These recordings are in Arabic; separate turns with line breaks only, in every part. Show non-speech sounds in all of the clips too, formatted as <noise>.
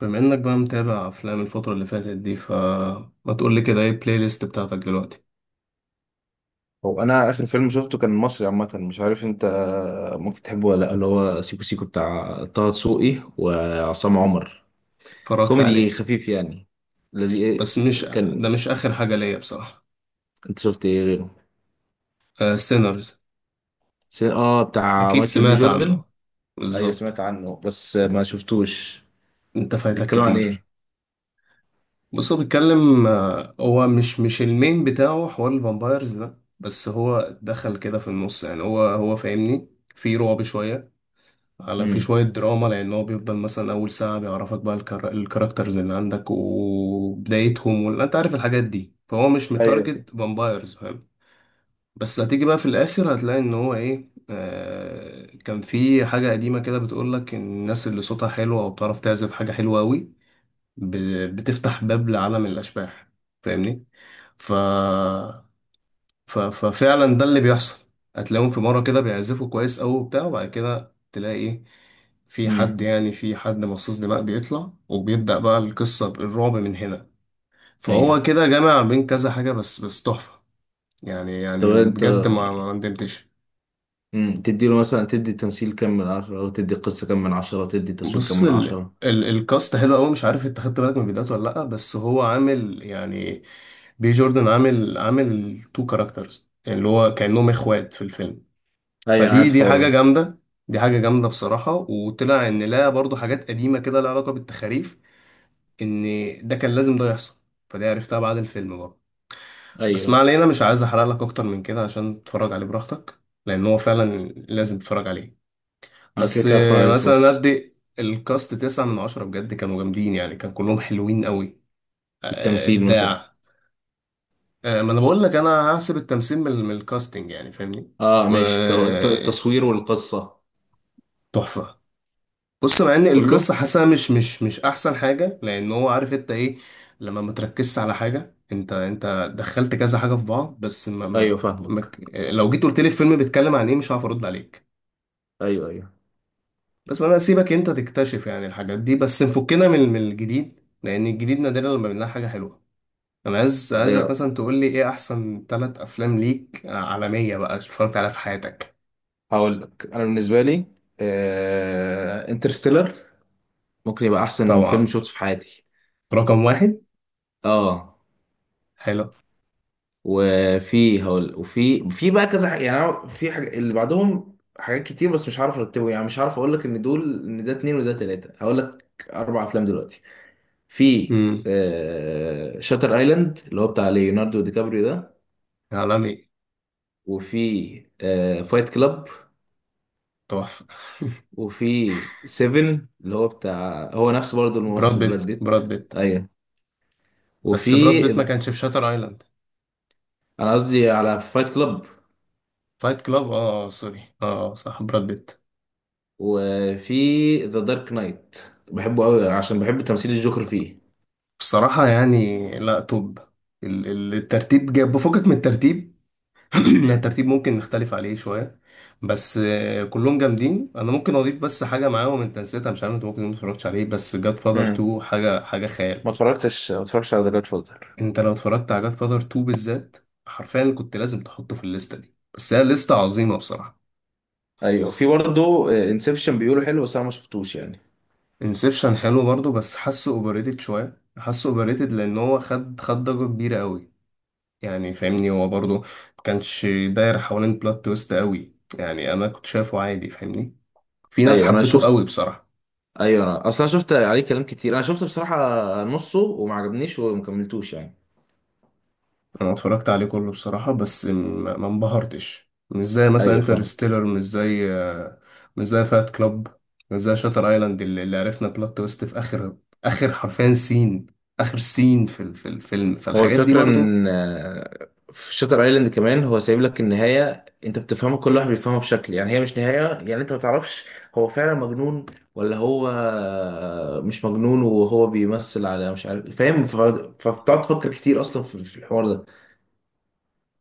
بما انك بقى متابع افلام الفترة اللي فاتت دي فما تقول لي كده ايه البلاي ليست بتاعتك دلوقتي؟
هو انا اخر فيلم شفته كان مصري، عامه مش عارف انت ممكن تحبه ولا لا، اللي هو سيكو سيكو بتاع طه دسوقي وعصام عمر.
اتفرجت
كوميدي
عليه.
خفيف يعني. الذي
بس مش ده
كان
مش اخر حاجة ليا بصراحة.
انت شفت ايه غيره؟
سينرز.
اه، بتاع
اكيد
مايكل بي
سمعت
جوردن.
عنه.
ايوه، سمعت
بالظبط.
عنه بس ما شفتوش.
انت فايتك
بيتكلم عن
كتير.
ايه؟
بص هو بيتكلم، هو مش المين بتاعه حوار الفامبايرز ده، بس هو دخل كده في النص، يعني هو فاهمني. في رعب شوية، على في
امم.
شوية دراما، لأن هو بيفضل مثلا أول ساعة بيعرفك بقى الكاركترز اللي عندك وبدايتهم، أنت عارف الحاجات دي، فهو مش
ايوه.
متارجت فامبايرز، فاهم. بس هتيجي بقى في الآخر هتلاقي إن هو إيه، آه كان في حاجة قديمة كده بتقولك إن الناس اللي صوتها حلو أو بتعرف تعزف حاجة حلوة أوي بتفتح باب لعالم الأشباح. فاهمني؟ ف ففعلا ده اللي بيحصل. هتلاقيهم في مرة كده بيعزفوا كويس أوي وبتاع، وبعد كده تلاقي إيه، في حد،
امم.
يعني في حد مصاص دماء بيطلع، وبيبدأ بقى القصة بالرعب من هنا.
ايوه.
فهو كده جامع بين كذا حاجة، بس تحفة. يعني
طب
من
انت.
بجد ما ندمتش.
تديله مثلا، تدي تمثيل كام من 10 وتدي قصة كام من 10 وتدي تصوير كام
بص
من
ال
10؟
ال الكاست حلو قوي، مش عارف انت خدت بالك من فيديوهاته ولا لأ، بس هو عامل يعني، بي جوردن عامل تو كاركترز، يعني اللي هو كأنهم اخوات في الفيلم.
ايوه انا
فدي
عارف
دي حاجة
والله.
جامدة. دي حاجة جامدة بصراحة، وطلع إن لا برضو حاجات قديمة كده لها علاقة بالتخاريف، إن ده كان لازم ده يحصل. فدي عرفتها بعد الفيلم برضو. بس ما
ايوه،
علينا، مش عايز أحرق لك أكتر من كده عشان تتفرج عليه براحتك، لأن هو فعلا لازم تتفرج عليه.
انا كده
بس
كده هتفرج عليه
مثلا
خلاص.
أدي الكاست تسعة من عشرة، بجد كانوا جامدين، يعني كان كلهم حلوين قوي.
التمثيل مثلا؟
إبداع. ما أنا بقول لك، أنا هحسب التمثيل من الكاستنج، يعني فاهمني.
اه، ماشي. التصوير
وتحفة.
والقصة؟
بص، مع ان
كله.
القصه حاسه مش احسن حاجه، لان هو عارف انت ايه، لما ما تركزش على حاجه، انت دخلت كذا حاجه في بعض، بس ما ما،
ايوه فاهمك.
لو جيت قلت لي الفيلم بيتكلم عن ايه، مش هعرف ارد عليك.
ايوه، ايوه،
بس انا اسيبك انت تكتشف يعني الحاجات دي، بس نفكنا من الجديد، لان الجديد نادرا لما بنلاقي حاجه حلوه. انا عايزك
ايوه،
مثلا تقول لي ايه احسن ثلاث افلام ليك عالميه بقى اتفرجت عليها في حياتك.
هقول لك انا بالنسبة لي انترستيلر، ممكن يبقى احسن فيلم
طبعا.
شفته في حياتي.
رقم واحد.
اه
حلو.
وفي هقول، وفي بقى كذا حاجة يعني، أنا في حاجة اللي بعدهم حاجات كتير بس مش عارف ارتبه، يعني مش عارف اقول لك ان دول ان ده اتنين وده تلاتة. هقول لك اربع افلام دلوقتي. في
امم.
شاتر ايلاند اللي هو بتاع ليوناردو دي كابريو ده،
عالمي.
وفي فايت كلاب،
تحفه.
وفي سيفن اللي هو بتاع هو نفسه برضه
براد
الممثل براد
بيت،
بيت.
براد بيت.
ايوه.
بس براد
وفي،
بيت ما كانش في شاتر ايلاند.
انا قصدي على فايت كلاب.
فايت كلاب، اه سوري، اه صح، براد بيت.
وفي ذا دارك نايت، بحبه قوي عشان بحب تمثيل الجوكر فيه.
بصراحة يعني لا توب. الترتيب جاب بفكك من الترتيب. <clears throat> يعني الترتيب ممكن نختلف عليه شوية. بس كلهم جامدين. انا ممكن اضيف بس حاجة معاهم انت نسيتها، مش عارف انت ممكن ما اتفرجتش عليه، بس جاد فاذر
امم.
2، حاجة حاجة خيال.
ما اتفرجتش على ذا جاد فوزر.
انت لو اتفرجت على جاد فاذر 2 بالذات، حرفيا كنت لازم تحطه في الليستة دي، بس هي لستة عظيمة بصراحة.
ايوه، في برضه انسبشن بيقولوا حلو بس انا ما شفتوش يعني.
انسبشن حلو برضو، بس حاسه اوفرريتد شويه، حاسه اوفرريتد لان هو خد ضجه كبيره قوي. يعني فاهمني، هو برضو ما كانش داير حوالين بلوت تويست قوي، يعني انا كنت شايفه عادي فاهمني. في ناس
ايوه انا
حبته
شفت.
قوي بصراحه.
ايوه، انا اصلا شفت عليه كلام كتير، انا شفت بصراحه نصه وما عجبنيش وما كملتوش يعني.
انا اتفرجت عليه كله بصراحه، بس ما انبهرتش، مش زي مثلا
ايوه فاهم.
انترستيلر، مش زي، مش زي فات كلاب، مش زي شاتر ايلاند اللي عرفنا بلوت تويست في اخر حرفيا سين، اخر سين في في الفيلم،
هو
فالحاجات دي
الفكرة
برضو.
إن في شاتر ايلاند كمان، هو سايب لك النهاية، أنت بتفهمها كل واحد بيفهمها بشكل، يعني هي مش نهاية، يعني أنت ما تعرفش هو فعلا مجنون ولا هو مش مجنون، وهو بيمثل على مش عارف فاهم فبتقعد تفكر كتير أصلا في الحوار ده.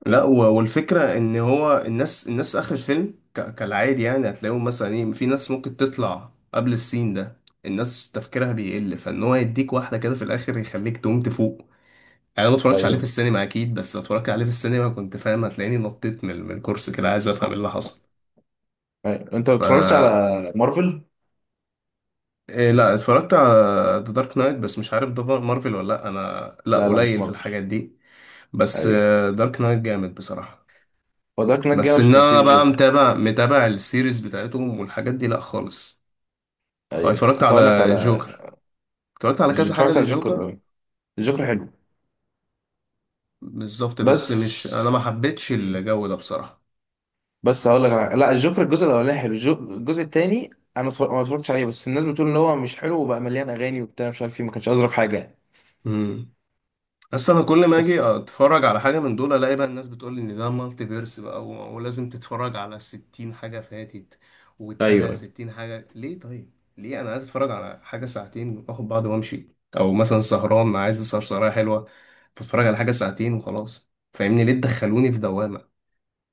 لا، والفكرة ان هو الناس اخر الفيلم كالعادي، يعني هتلاقيهم مثلا ايه، في ناس ممكن تطلع قبل السين ده، الناس تفكيرها بيقل، فان هو يديك واحدة كده في الاخر يخليك تقوم تفوق. يعني انا ما اتفرجتش عليه في
أيوه،
السينما اكيد، بس لو اتفرجت عليه في السينما كنت فاهم، هتلاقيني نطيت من الكرسي كده عايز افهم ايه اللي حصل.
أيوه، أنت ما
ف
بتتفرجش على مارفل؟
إيه، لا اتفرجت على ذا دارك نايت، بس مش عارف ده مارفل ولا لا، انا لا
لا، لا، مش
قليل في
مارفل.
الحاجات دي. بس
أيوه،
دارك نايت جامد بصراحة.
هو دارك نايت جاي
بس
عشان
ان
تفسير
انا بقى
الجوكر.
متابع السيريز بتاعتهم والحاجات دي، لا خالص.
أيوه
اتفرجت
كنت هقول لك
على
على.
جوكر. اتفرجت على كذا حاجة
اتفرجت على الجوكر
للجوكر.
أه. الجوكر حلو.
بالظبط، بس مش، انا
بس
ما حبيتش الجو ده بصراحة.
بس هقول لك أنا... لا، الجوكر الجزء الاولاني حلو. الجزء الثاني انا ما اتفرجتش عليه، بس الناس بتقول ان هو مش حلو وبقى مليان اغاني وبتاع مش عارف ايه، ما كانش اظرف حاجه يعني.
امم. بس انا كل ما اجي
بس.
اتفرج على حاجه من دول، الاقي بقى الناس بتقول لي ان ده مالتي فيرس بقى، ولازم تتفرج على 60 حاجه فاتت، وتتابع
ايوه،
60 حاجه، ليه طيب؟ ليه؟ انا عايز اتفرج على حاجه ساعتين واخد بعض وامشي، او مثلا سهران عايز اسهر سهريه حلوه، فاتفرج على حاجه ساعتين وخلاص، فاهمني؟ ليه تدخلوني في دوامه؟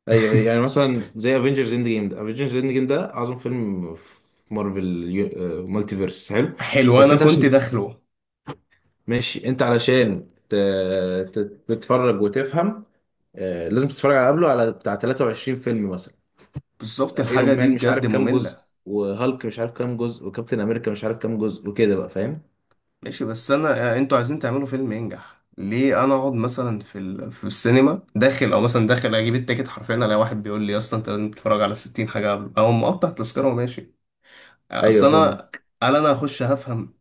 ايوه،
<laughs>
يعني مثلا زي افنجرز اند جيم ده، افنجرز اند جيم ده اعظم فيلم في مارفل. مالتي فيرس حلو.
حلو،
بس،
انا
انت
كنت
عشان
داخله.
ماشي، انت علشان ت... تتفرج وتفهم. لازم تتفرج على قبله على بتاع 23 فيلم مثلا.
بالظبط، الحاجه
ايرون مان
دي
مش عارف
بجد
كام جزء،
ممله.
وهالك مش عارف كام جزء، وكابتن امريكا مش عارف كام جزء، وكده بقى فاهم.
ماشي، بس انا انتوا عايزين تعملوا فيلم ينجح، ليه انا اقعد مثلا في في السينما داخل، او مثلا داخل اجيب التيكت، حرفيا الاقي واحد بيقول لي يا اسطى انت لازم تتفرج على 60 حاجه قبل، او مقطع تذكره وماشي.
ايوه
اصل
فاهم.
انا، هل انا هخش هفهم؟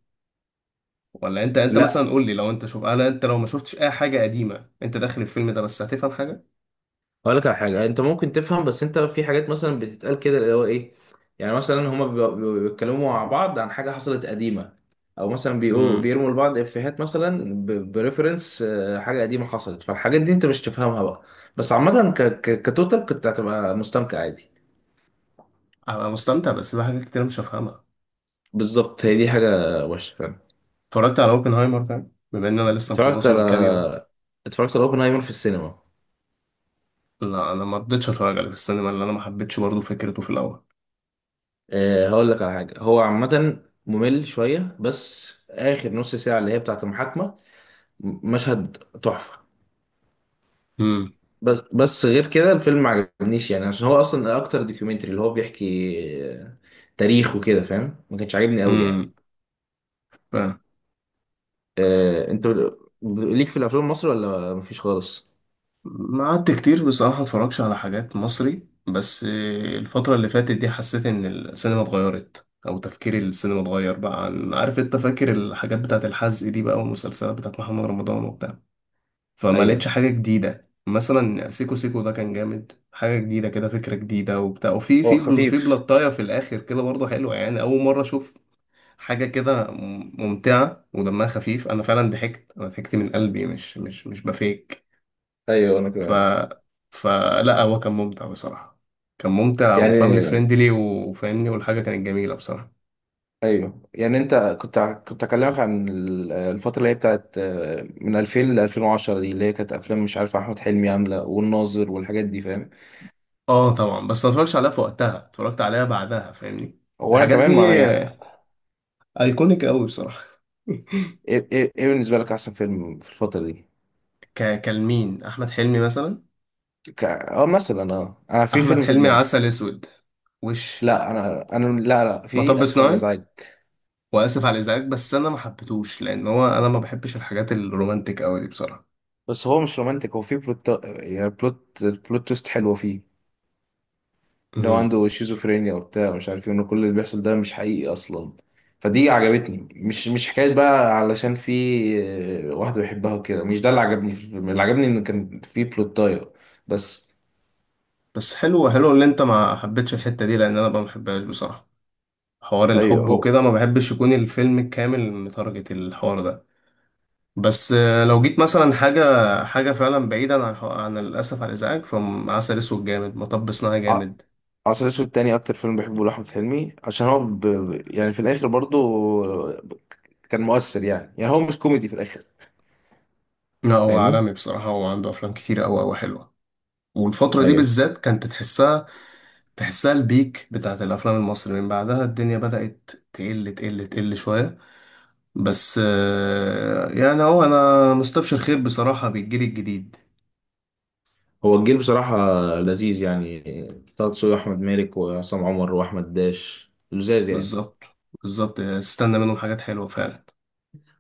ولا انت مثلا
لا،
قول لي، لو انت شوف انا، انت لو ما شفتش اي حاجه قديمه انت داخل الفيلم ده، بس هتفهم حاجه؟
هقول لك على حاجه انت ممكن تفهم، بس انت في حاجات مثلا بتتقال كده اللي هو ايه، يعني مثلا هما بيبقوا بيتكلموا مع بعض عن حاجه حصلت قديمه، او مثلا بيقولوا
امم.
بيرموا لبعض افيهات مثلا بريفرنس حاجه قديمه حصلت، فالحاجات دي انت مش تفهمها بقى. بس عامه كتوتال كنت هتبقى مستمتع عادي.
انا مستمتع، بس في حاجات كتير مش هفهمها.
بالظبط، هي دي حاجه وحشه فعلا.
اتفرجت على اوبنهايمر ده، بما ان انا لسه
اتفرجت
مخلصه
على
من كام يوم.
اتفرجت على اوبنهايمر في السينما.
لا، انا ما رضيتش اتفرج عليه في السينما، لان انا ما حبيتش برضه فكرته في الاول.
هقول لك على حاجه، هو عامه ممل شويه بس اخر نص ساعه اللي هي بتاعه المحاكمه، مشهد تحفة. بس غير كده الفيلم ما عجبنيش يعني، عشان هو اصلا اكتر دوكيومنتري اللي هو بيحكي تاريخ وكده فاهم، ما كانش عاجبني قوي يعني.
امم. فاهم.
انت ليك في الافلام المصري ولا مفيش خالص؟
ما قعدت كتير بصراحة اتفرجش على حاجات مصري، بس الفترة اللي فاتت دي حسيت ان السينما اتغيرت، او تفكير السينما اتغير بقى، عن عارف انت فاكر الحاجات بتاعت الحزق دي بقى، والمسلسلات بتاعت محمد رمضان وبتاع. فما
ايوه
لقيتش حاجة جديدة، مثلا سيكو سيكو ده كان جامد، حاجة جديدة كده، فكرة جديدة وبتاع، وفي
هو
في
خفيف.
بلطاية في الآخر كده برضه حلوة، يعني أول مرة أشوف حاجة كده ممتعة ودمها خفيف. أنا فعلا ضحكت، أنا ضحكت من قلبي، مش بفيك.
ايوه انا
ف
كمان.
فلا هو كان ممتع بصراحة. كان ممتع، وفاملي
يعني
فريندلي، وفاهمني، والحاجة كانت جميلة بصراحة.
ايوه، يعني انت كنت اكلمك عن الفتره اللي هي بتاعت من 2000 ل 2010 دي، اللي هي كانت افلام مش عارف احمد حلمي عامله، والناظر والحاجات دي فاهم.
اه طبعا، بس ما اتفرجتش عليها في وقتها، اتفرجت عليها بعدها فاهمني.
هو انا
الحاجات
كمان
دي
ما يعني.
ايكونيك قوي بصراحة. <laughs>
إيه بالنسبه لك احسن فيلم في الفتره دي؟
كالمين احمد حلمي مثلا.
ك... اه مثلا، انا في
احمد
فيلم في
حلمي،
دماغي.
عسل اسود، وش،
لا، انا، لا، لا، في
مطب
اسف على
صناعي،
الازعاج.
واسف على الازعاج. بس انا ما حبيتهوش، لان انا ما بحبش الحاجات الرومانتك قوي دي بصراحة.
بس هو مش رومانتك، هو في بلوت، يعني بلوت تويست حلوه فيه، ان هو
امم.
عنده شيزوفرينيا وبتاع مش عارف ايه، ان كل اللي بيحصل ده مش حقيقي اصلا، فدي عجبتني، مش حكايه بقى علشان في واحده بيحبها وكده، مش ده اللي عجبني في الفيلم، اللي عجبني ان كان في بلوتايه. بس
بس حلو حلو ان انت ما حبيتش الحتة دي، لان انا ما بحبهاش بصراحة. حوار
ايوه.
الحب
هو
وكده، ما بحبش يكون الفيلم الكامل متارجت الحوار ده. بس لو جيت مثلا، حاجة فعلا بعيدا عن الأسف على الإزعاج، فعسل أسود جامد، مطب صناعي
ع-
جامد.
عسل اسود تاني اكتر فيلم بحبه لاحمد حلمي، عشان هو يعني في الاخر برضو كان مؤثر يعني هو مش كوميدي في الاخر،
لا هو
فاهمني.
عالمي بصراحة، هو عنده أفلام كتير أوي أوي حلوة. والفترة دي
ايوه
بالذات كانت تحسها البيك بتاعت الأفلام المصري. من بعدها الدنيا بدأت تقل تقل تقل شوية. بس يعني هو، أنا مستبشر خير بصراحة بالجيل الجديد.
هو الجيل بصراحة لذيذ يعني، طه دسوقي واحمد مالك وعصام عمر واحمد داش لذاذ يعني.
بالظبط، بالظبط، استنى منهم حاجات حلوة فعلا.